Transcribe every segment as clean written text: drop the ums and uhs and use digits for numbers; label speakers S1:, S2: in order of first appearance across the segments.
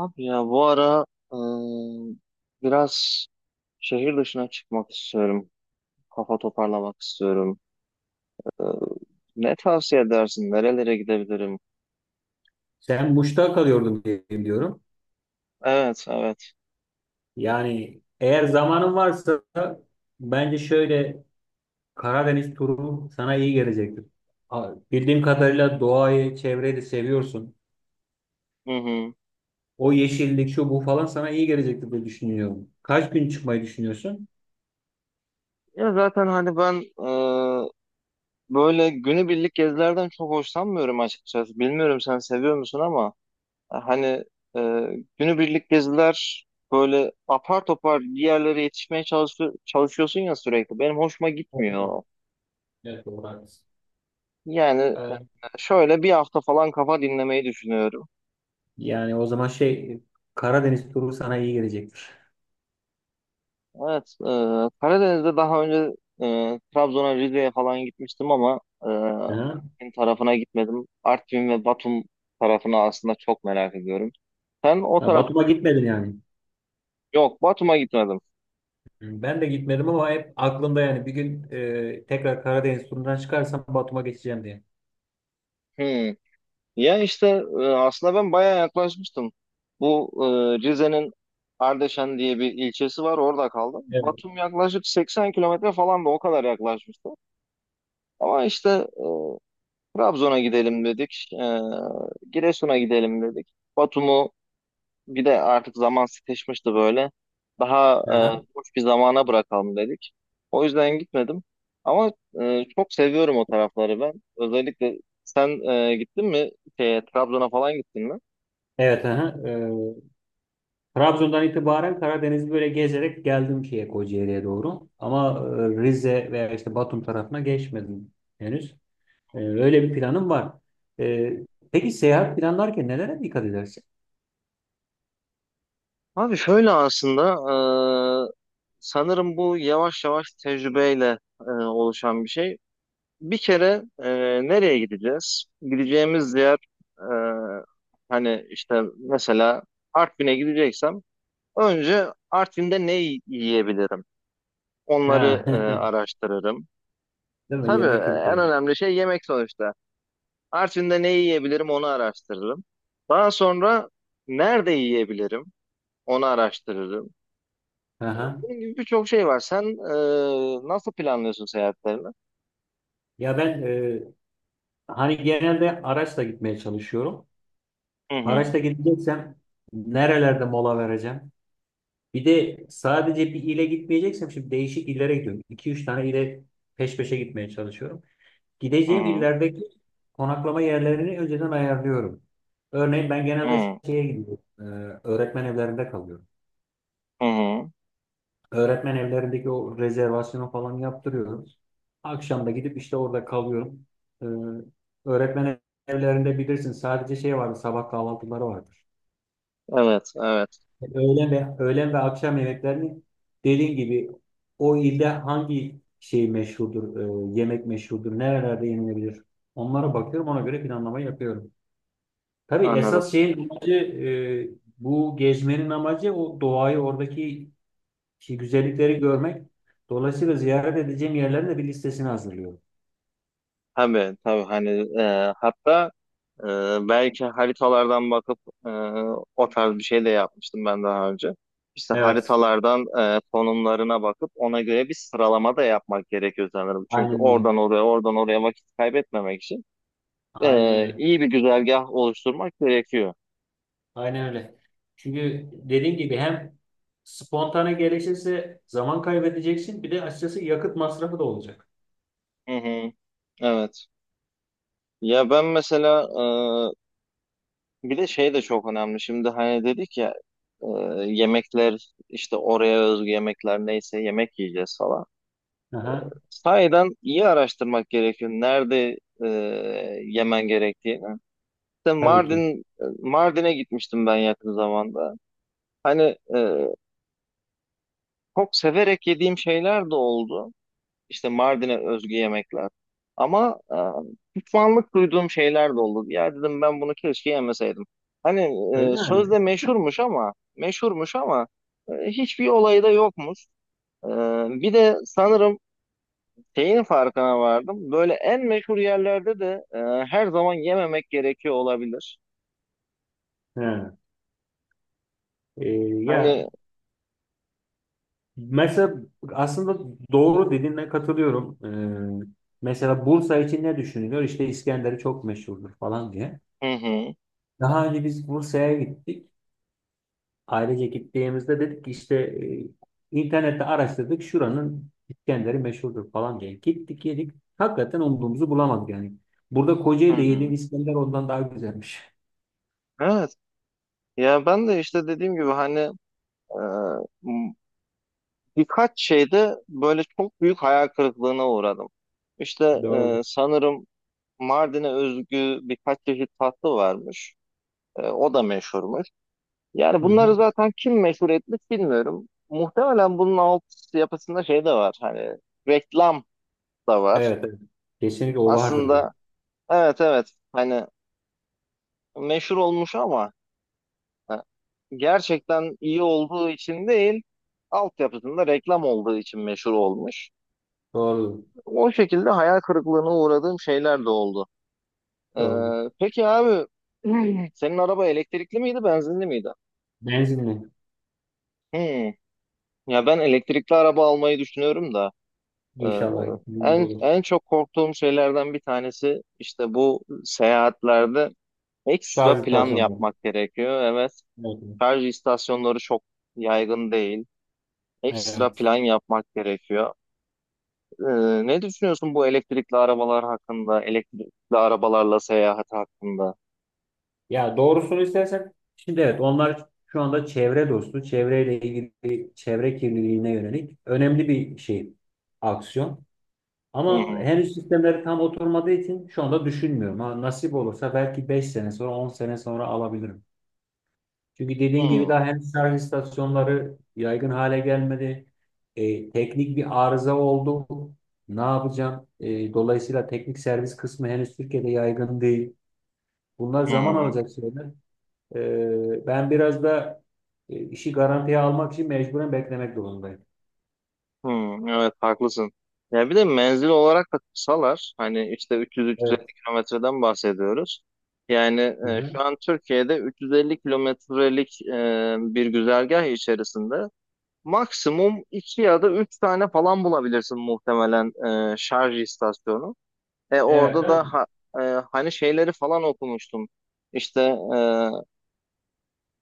S1: Abi ya bu ara ıı, biraz şehir dışına çıkmak istiyorum. Kafa toparlamak istiyorum. Iı, Ne tavsiye edersin? Nerelere gidebilirim?
S2: Sen Muş'ta kalıyordun diye biliyorum.
S1: Evet, evet.
S2: Yani eğer zamanın varsa bence şöyle Karadeniz turu sana iyi gelecektir. Bildiğim kadarıyla doğayı, çevreyi de seviyorsun.
S1: Hı hı.
S2: O yeşillik, şu bu falan sana iyi gelecektir diye düşünüyorum. Kaç gün çıkmayı düşünüyorsun?
S1: Ya zaten hani ben böyle günübirlik gezilerden çok hoşlanmıyorum açıkçası. Bilmiyorum sen seviyor musun ama hani ıı, günübirlik geziler böyle apar topar bir yerlere yetişmeye çalışıyorsun ya sürekli. Benim hoşuma
S2: Evet,
S1: gitmiyor.
S2: evet, doğru haklısın.
S1: Yani e,
S2: Ee,
S1: şöyle bir hafta falan kafa dinlemeyi düşünüyorum.
S2: Yani o zaman Karadeniz turu sana iyi gelecektir.
S1: Evet, Karadeniz'de daha önce Trabzon'a, Rize'ye falan gitmiştim ama
S2: Hı hı.
S1: Artvin tarafına gitmedim. Artvin ve Batum tarafını aslında çok merak ediyorum. Sen o
S2: Ya
S1: taraf.
S2: Batum'a gitmedin yani.
S1: Yok, Batum'a gitmedim.
S2: Ben de gitmedim ama hep aklımda yani bir gün tekrar Karadeniz turundan çıkarsam Batum'a geçeceğim diye.
S1: Hmm. Ya işte aslında ben bayağı yaklaşmıştım. Bu Rize'nin Ardeşen diye bir ilçesi var, orada kaldım.
S2: Evet.
S1: Batum yaklaşık 80 kilometre falan da o kadar yaklaşmıştı. Ama işte e, Trabzon'a gidelim dedik. Giresun'a gidelim dedik. Batum'u bir de artık zaman sıkışmıştı böyle. Daha
S2: Aha.
S1: boş bir zamana bırakalım dedik. O yüzden gitmedim. Ama çok seviyorum o tarafları ben. Özellikle sen gittin mi? Şeye, Trabzon'a falan gittin mi?
S2: Evet, aha. Trabzon'dan itibaren Karadeniz'i böyle gezerek geldim şeye Kocaeli'ye doğru. Ama Rize veya işte Batum tarafına geçmedim henüz. Öyle bir planım var. E, peki seyahat planlarken nelere dikkat edersin?
S1: Abi şöyle aslında e, sanırım bu yavaş yavaş tecrübeyle oluşan bir şey. Bir kere nereye gideceğiz? Gideceğimiz yer e, hani işte mesela Artvin'e gideceksem önce Artvin'de ne yiyebilirim?
S2: Ha.
S1: Onları araştırırım.
S2: Değil mi?
S1: Tabii
S2: Yemek
S1: en
S2: kültürü.
S1: önemli şey yemek sonuçta. Artvin'de ne yiyebilirim onu araştırırım. Daha sonra nerede yiyebilirim onu araştırırım.
S2: Aha.
S1: Bunun gibi birçok şey var. Sen nasıl planlıyorsun seyahatlerini?
S2: Ya ben hani genelde araçla gitmeye çalışıyorum.
S1: Hı hı,
S2: Araçta gideceksem nerelerde mola vereceğim? Bir de sadece bir ile gitmeyeceksem şimdi değişik illere gidiyorum. 2 üç tane ile peş peşe gitmeye çalışıyorum.
S1: hı
S2: Gideceğim
S1: hı,
S2: illerdeki konaklama yerlerini önceden ayarlıyorum. Örneğin ben
S1: hı
S2: genelde
S1: hı.
S2: şeye gidiyorum. Öğretmen evlerinde kalıyorum.
S1: Hı hı.
S2: Öğretmen evlerindeki o rezervasyonu falan yaptırıyorum. Akşam da gidip işte orada kalıyorum. E, Öğretmen evlerinde bilirsin sadece şey vardı sabah kahvaltıları vardır.
S1: Evet, evet.
S2: Öğlen ve akşam yemeklerini dediğin gibi o ilde hangi şey meşhurdur, yemek meşhurdur, nerelerde yenilebilir? Onlara bakıyorum, ona göre planlama yapıyorum. Tabii
S1: Anladım.
S2: esas şeyin amacı, bu gezmenin amacı o doğayı, oradaki güzellikleri görmek. Dolayısıyla ziyaret edeceğim yerlerin de bir listesini hazırlıyorum.
S1: Tabii tabii hani hatta e, belki haritalardan bakıp e, o tarz bir şey de yapmıştım ben daha önce. İşte
S2: Evet,
S1: haritalardan konumlarına bakıp ona göre bir sıralama da yapmak gerekiyor sanırım. Çünkü
S2: aynen öyle.
S1: oradan oraya oradan oraya vakit kaybetmemek için
S2: Aynen öyle.
S1: iyi bir güzergah oluşturmak gerekiyor.
S2: Aynen öyle. Çünkü dediğim gibi hem spontane gelişirse zaman kaybedeceksin bir de açıkçası yakıt masrafı da olacak.
S1: Hı hı, evet. Ya ben mesela bir de şey de çok önemli. Şimdi hani dedik ya e, yemekler işte oraya özgü yemekler neyse yemek yiyeceğiz falan.
S2: Aha,
S1: Sahiden iyi araştırmak gerekiyor. Nerede e, yemen gerektiğini. İşte
S2: tabii ki.
S1: Mardin'e gitmiştim ben yakın zamanda. Hani e, çok severek yediğim şeyler de oldu. İşte Mardin'e özgü yemekler. Ama pişmanlık duyduğum şeyler de oldu. Ya dedim ben bunu keşke yemeseydim. Hani
S2: Öyle mi?
S1: sözde meşhurmuş ama meşhurmuş ama hiçbir olayı da yokmuş. E, bir de sanırım şeyin farkına vardım. Böyle en meşhur yerlerde de her zaman yememek gerekiyor olabilir.
S2: Ha. Ee,
S1: Hani,
S2: ya mesela aslında doğru dediğine katılıyorum. Ee, mesela Bursa için ne düşünülüyor? İşte İskender'i çok meşhurdur falan diye.
S1: hı hı,
S2: Daha önce biz Bursa'ya gittik. Ailece gittiğimizde dedik ki işte internette araştırdık şuranın İskender'i meşhurdur falan diye. Gittik yedik. Hakikaten umduğumuzu bulamadık yani. Burada
S1: hı
S2: Kocaeli'de
S1: hı.
S2: yediğim İskender ondan daha güzelmiş.
S1: Evet. Ya ben de işte dediğim gibi hani e, m- birkaç şeyde böyle çok büyük hayal kırıklığına uğradım. İşte
S2: Doğru.
S1: sanırım Mardin'e özgü birkaç çeşit tatlı varmış. O da meşhurmuş. Yani
S2: Hı hı.
S1: bunları zaten kim meşhur etmiş bilmiyorum. Muhtemelen bunun alt yapısında şey de var. Hani reklam da var.
S2: Evet, evet. Kesinlikle o vardır dedim.
S1: Aslında evet evet hani meşhur olmuş ama e, gerçekten iyi olduğu için değil, altyapısında reklam olduğu için meşhur olmuş.
S2: Doğru.
S1: O şekilde hayal kırıklığına uğradığım şeyler de oldu. Ee,
S2: Doğru.
S1: peki abi senin araba elektrikli miydi, benzinli miydi?
S2: Benzinli.
S1: Hmm. Ya ben elektrikli araba almayı düşünüyorum da e,
S2: İnşallah. Bunun gibi
S1: en
S2: olur.
S1: en çok korktuğum şeylerden bir tanesi işte bu seyahatlerde
S2: Şarj
S1: ekstra plan
S2: istasyonu.
S1: yapmak gerekiyor. Evet.
S2: Evet.
S1: Şarj istasyonları çok yaygın değil. Ekstra
S2: Evet.
S1: plan yapmak gerekiyor. Ne düşünüyorsun bu elektrikli arabalar hakkında, elektrikli arabalarla seyahat hakkında?
S2: Ya doğrusunu istersen şimdi evet onlar şu anda çevre dostu, çevreyle ilgili çevre kirliliğine yönelik önemli bir şey aksiyon.
S1: Hı
S2: Ama
S1: hı,
S2: henüz sistemleri tam oturmadığı için şu anda düşünmüyorum. Ha, nasip olursa belki 5 sene sonra 10 sene sonra alabilirim. Çünkü dediğin gibi
S1: hı
S2: daha henüz şarj istasyonları yaygın hale gelmedi. Teknik bir arıza oldu. Ne yapacağım? Dolayısıyla teknik servis kısmı henüz Türkiye'de yaygın değil. Bunlar
S1: hı,
S2: zaman
S1: hı.
S2: alacak şeyler. Ben biraz da işi garantiye almak için mecburen beklemek durumundayım.
S1: Hı, evet haklısın. Ya bir de menzil olarak da kısalar. Hani işte
S2: Evet.
S1: 300-350 kilometreden bahsediyoruz. Yani
S2: Hı hı.
S1: şu an Türkiye'de 350 kilometrelik bir güzergah içerisinde maksimum iki ya da üç tane falan bulabilirsin muhtemelen şarj istasyonu. E
S2: Evet,
S1: orada
S2: değil
S1: da
S2: mi?
S1: e, hani şeyleri falan okumuştum. İşte e,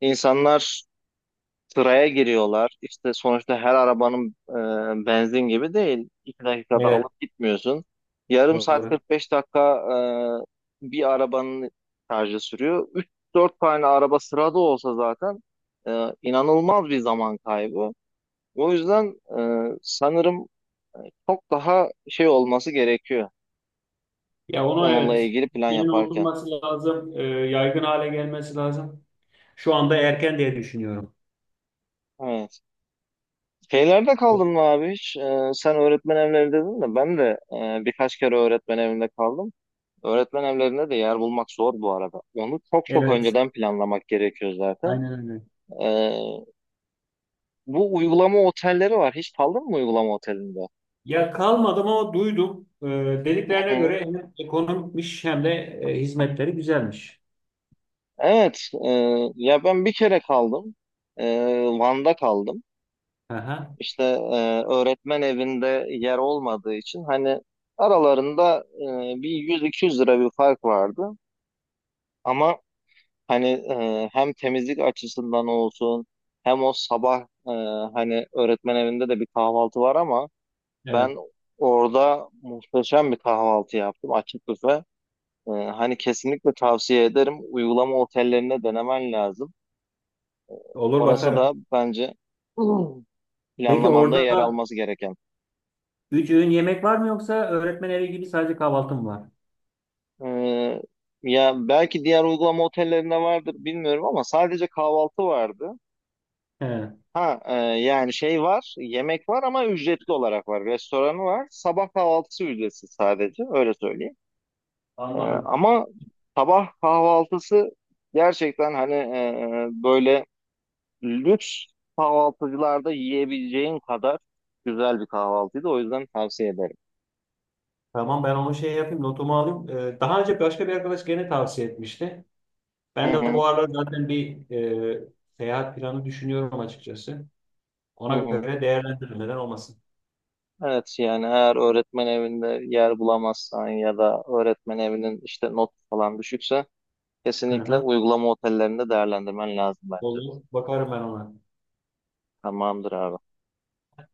S1: insanlar sıraya giriyorlar. İşte sonuçta her arabanın benzin gibi değil. 2 dakikada
S2: Evet,
S1: alıp gitmiyorsun. Yarım saat
S2: doğru.
S1: 45 dakika bir arabanın şarjı sürüyor. 3-4 tane araba sırada olsa zaten inanılmaz bir zaman kaybı. O yüzden sanırım çok daha şey olması gerekiyor
S2: Ya onu
S1: onunla
S2: evet,
S1: ilgili plan
S2: sistemin
S1: yaparken.
S2: oturması lazım, yaygın hale gelmesi lazım. Şu anda erken diye düşünüyorum.
S1: Evet. Şeylerde kaldın mı abi hiç? Sen öğretmen evlerinde dedin de ben de birkaç kere öğretmen evinde kaldım. Öğretmen evlerinde de yer bulmak zor bu arada. Onu çok çok
S2: Evet,
S1: önceden planlamak gerekiyor zaten.
S2: aynen öyle.
S1: E, bu uygulama otelleri var. Hiç kaldın mı uygulama otelinde?
S2: Ya kalmadım ama duydum.
S1: Hı
S2: Dediklerine
S1: hı.
S2: göre hem ekonomikmiş hem de hizmetleri güzelmiş.
S1: Evet. Ya ben bir kere kaldım. E, Van'da kaldım.
S2: Aha,
S1: İşte öğretmen evinde yer olmadığı için hani aralarında bir 100-200 lira bir fark vardı. Ama hani hem temizlik açısından olsun hem o sabah e, hani öğretmen evinde de bir kahvaltı var ama
S2: evet,
S1: ben orada muhteşem bir kahvaltı yaptım açık büfe. Hani kesinlikle tavsiye ederim. Uygulama otellerine denemen lazım.
S2: olur
S1: Orası da
S2: bakarım.
S1: bence
S2: Peki
S1: planlamanda
S2: orada
S1: yer alması gereken.
S2: 3 öğün yemek var mı yoksa öğretmen evi gibi sadece kahvaltı mı var?
S1: Ee, ya belki diğer uygulama otellerinde vardır bilmiyorum ama sadece kahvaltı vardı.
S2: He,
S1: Ha, yani şey var, yemek var ama ücretli olarak var. Restoranı var. Sabah kahvaltısı ücretsiz sadece öyle söyleyeyim. Ee,
S2: anladım.
S1: ama sabah kahvaltısı gerçekten hani böyle lüks kahvaltıcılarda yiyebileceğin kadar güzel bir kahvaltıydı. O yüzden tavsiye ederim.
S2: Tamam ben onu şey yapayım notumu alayım. Daha önce başka bir arkadaş gene tavsiye etmişti.
S1: Hı
S2: Ben de
S1: hı,
S2: bu aralar zaten bir e, seyahat planı düşünüyorum açıkçası.
S1: hı
S2: Ona
S1: hı.
S2: göre değerlendiririm neden olmasın.
S1: Evet yani eğer öğretmen evinde yer bulamazsan ya da öğretmen evinin işte not falan düşükse
S2: Hı
S1: kesinlikle
S2: hı.
S1: uygulama otellerinde değerlendirmen lazım bence.
S2: Olur bakarım ben ona.
S1: Tamamdır abi.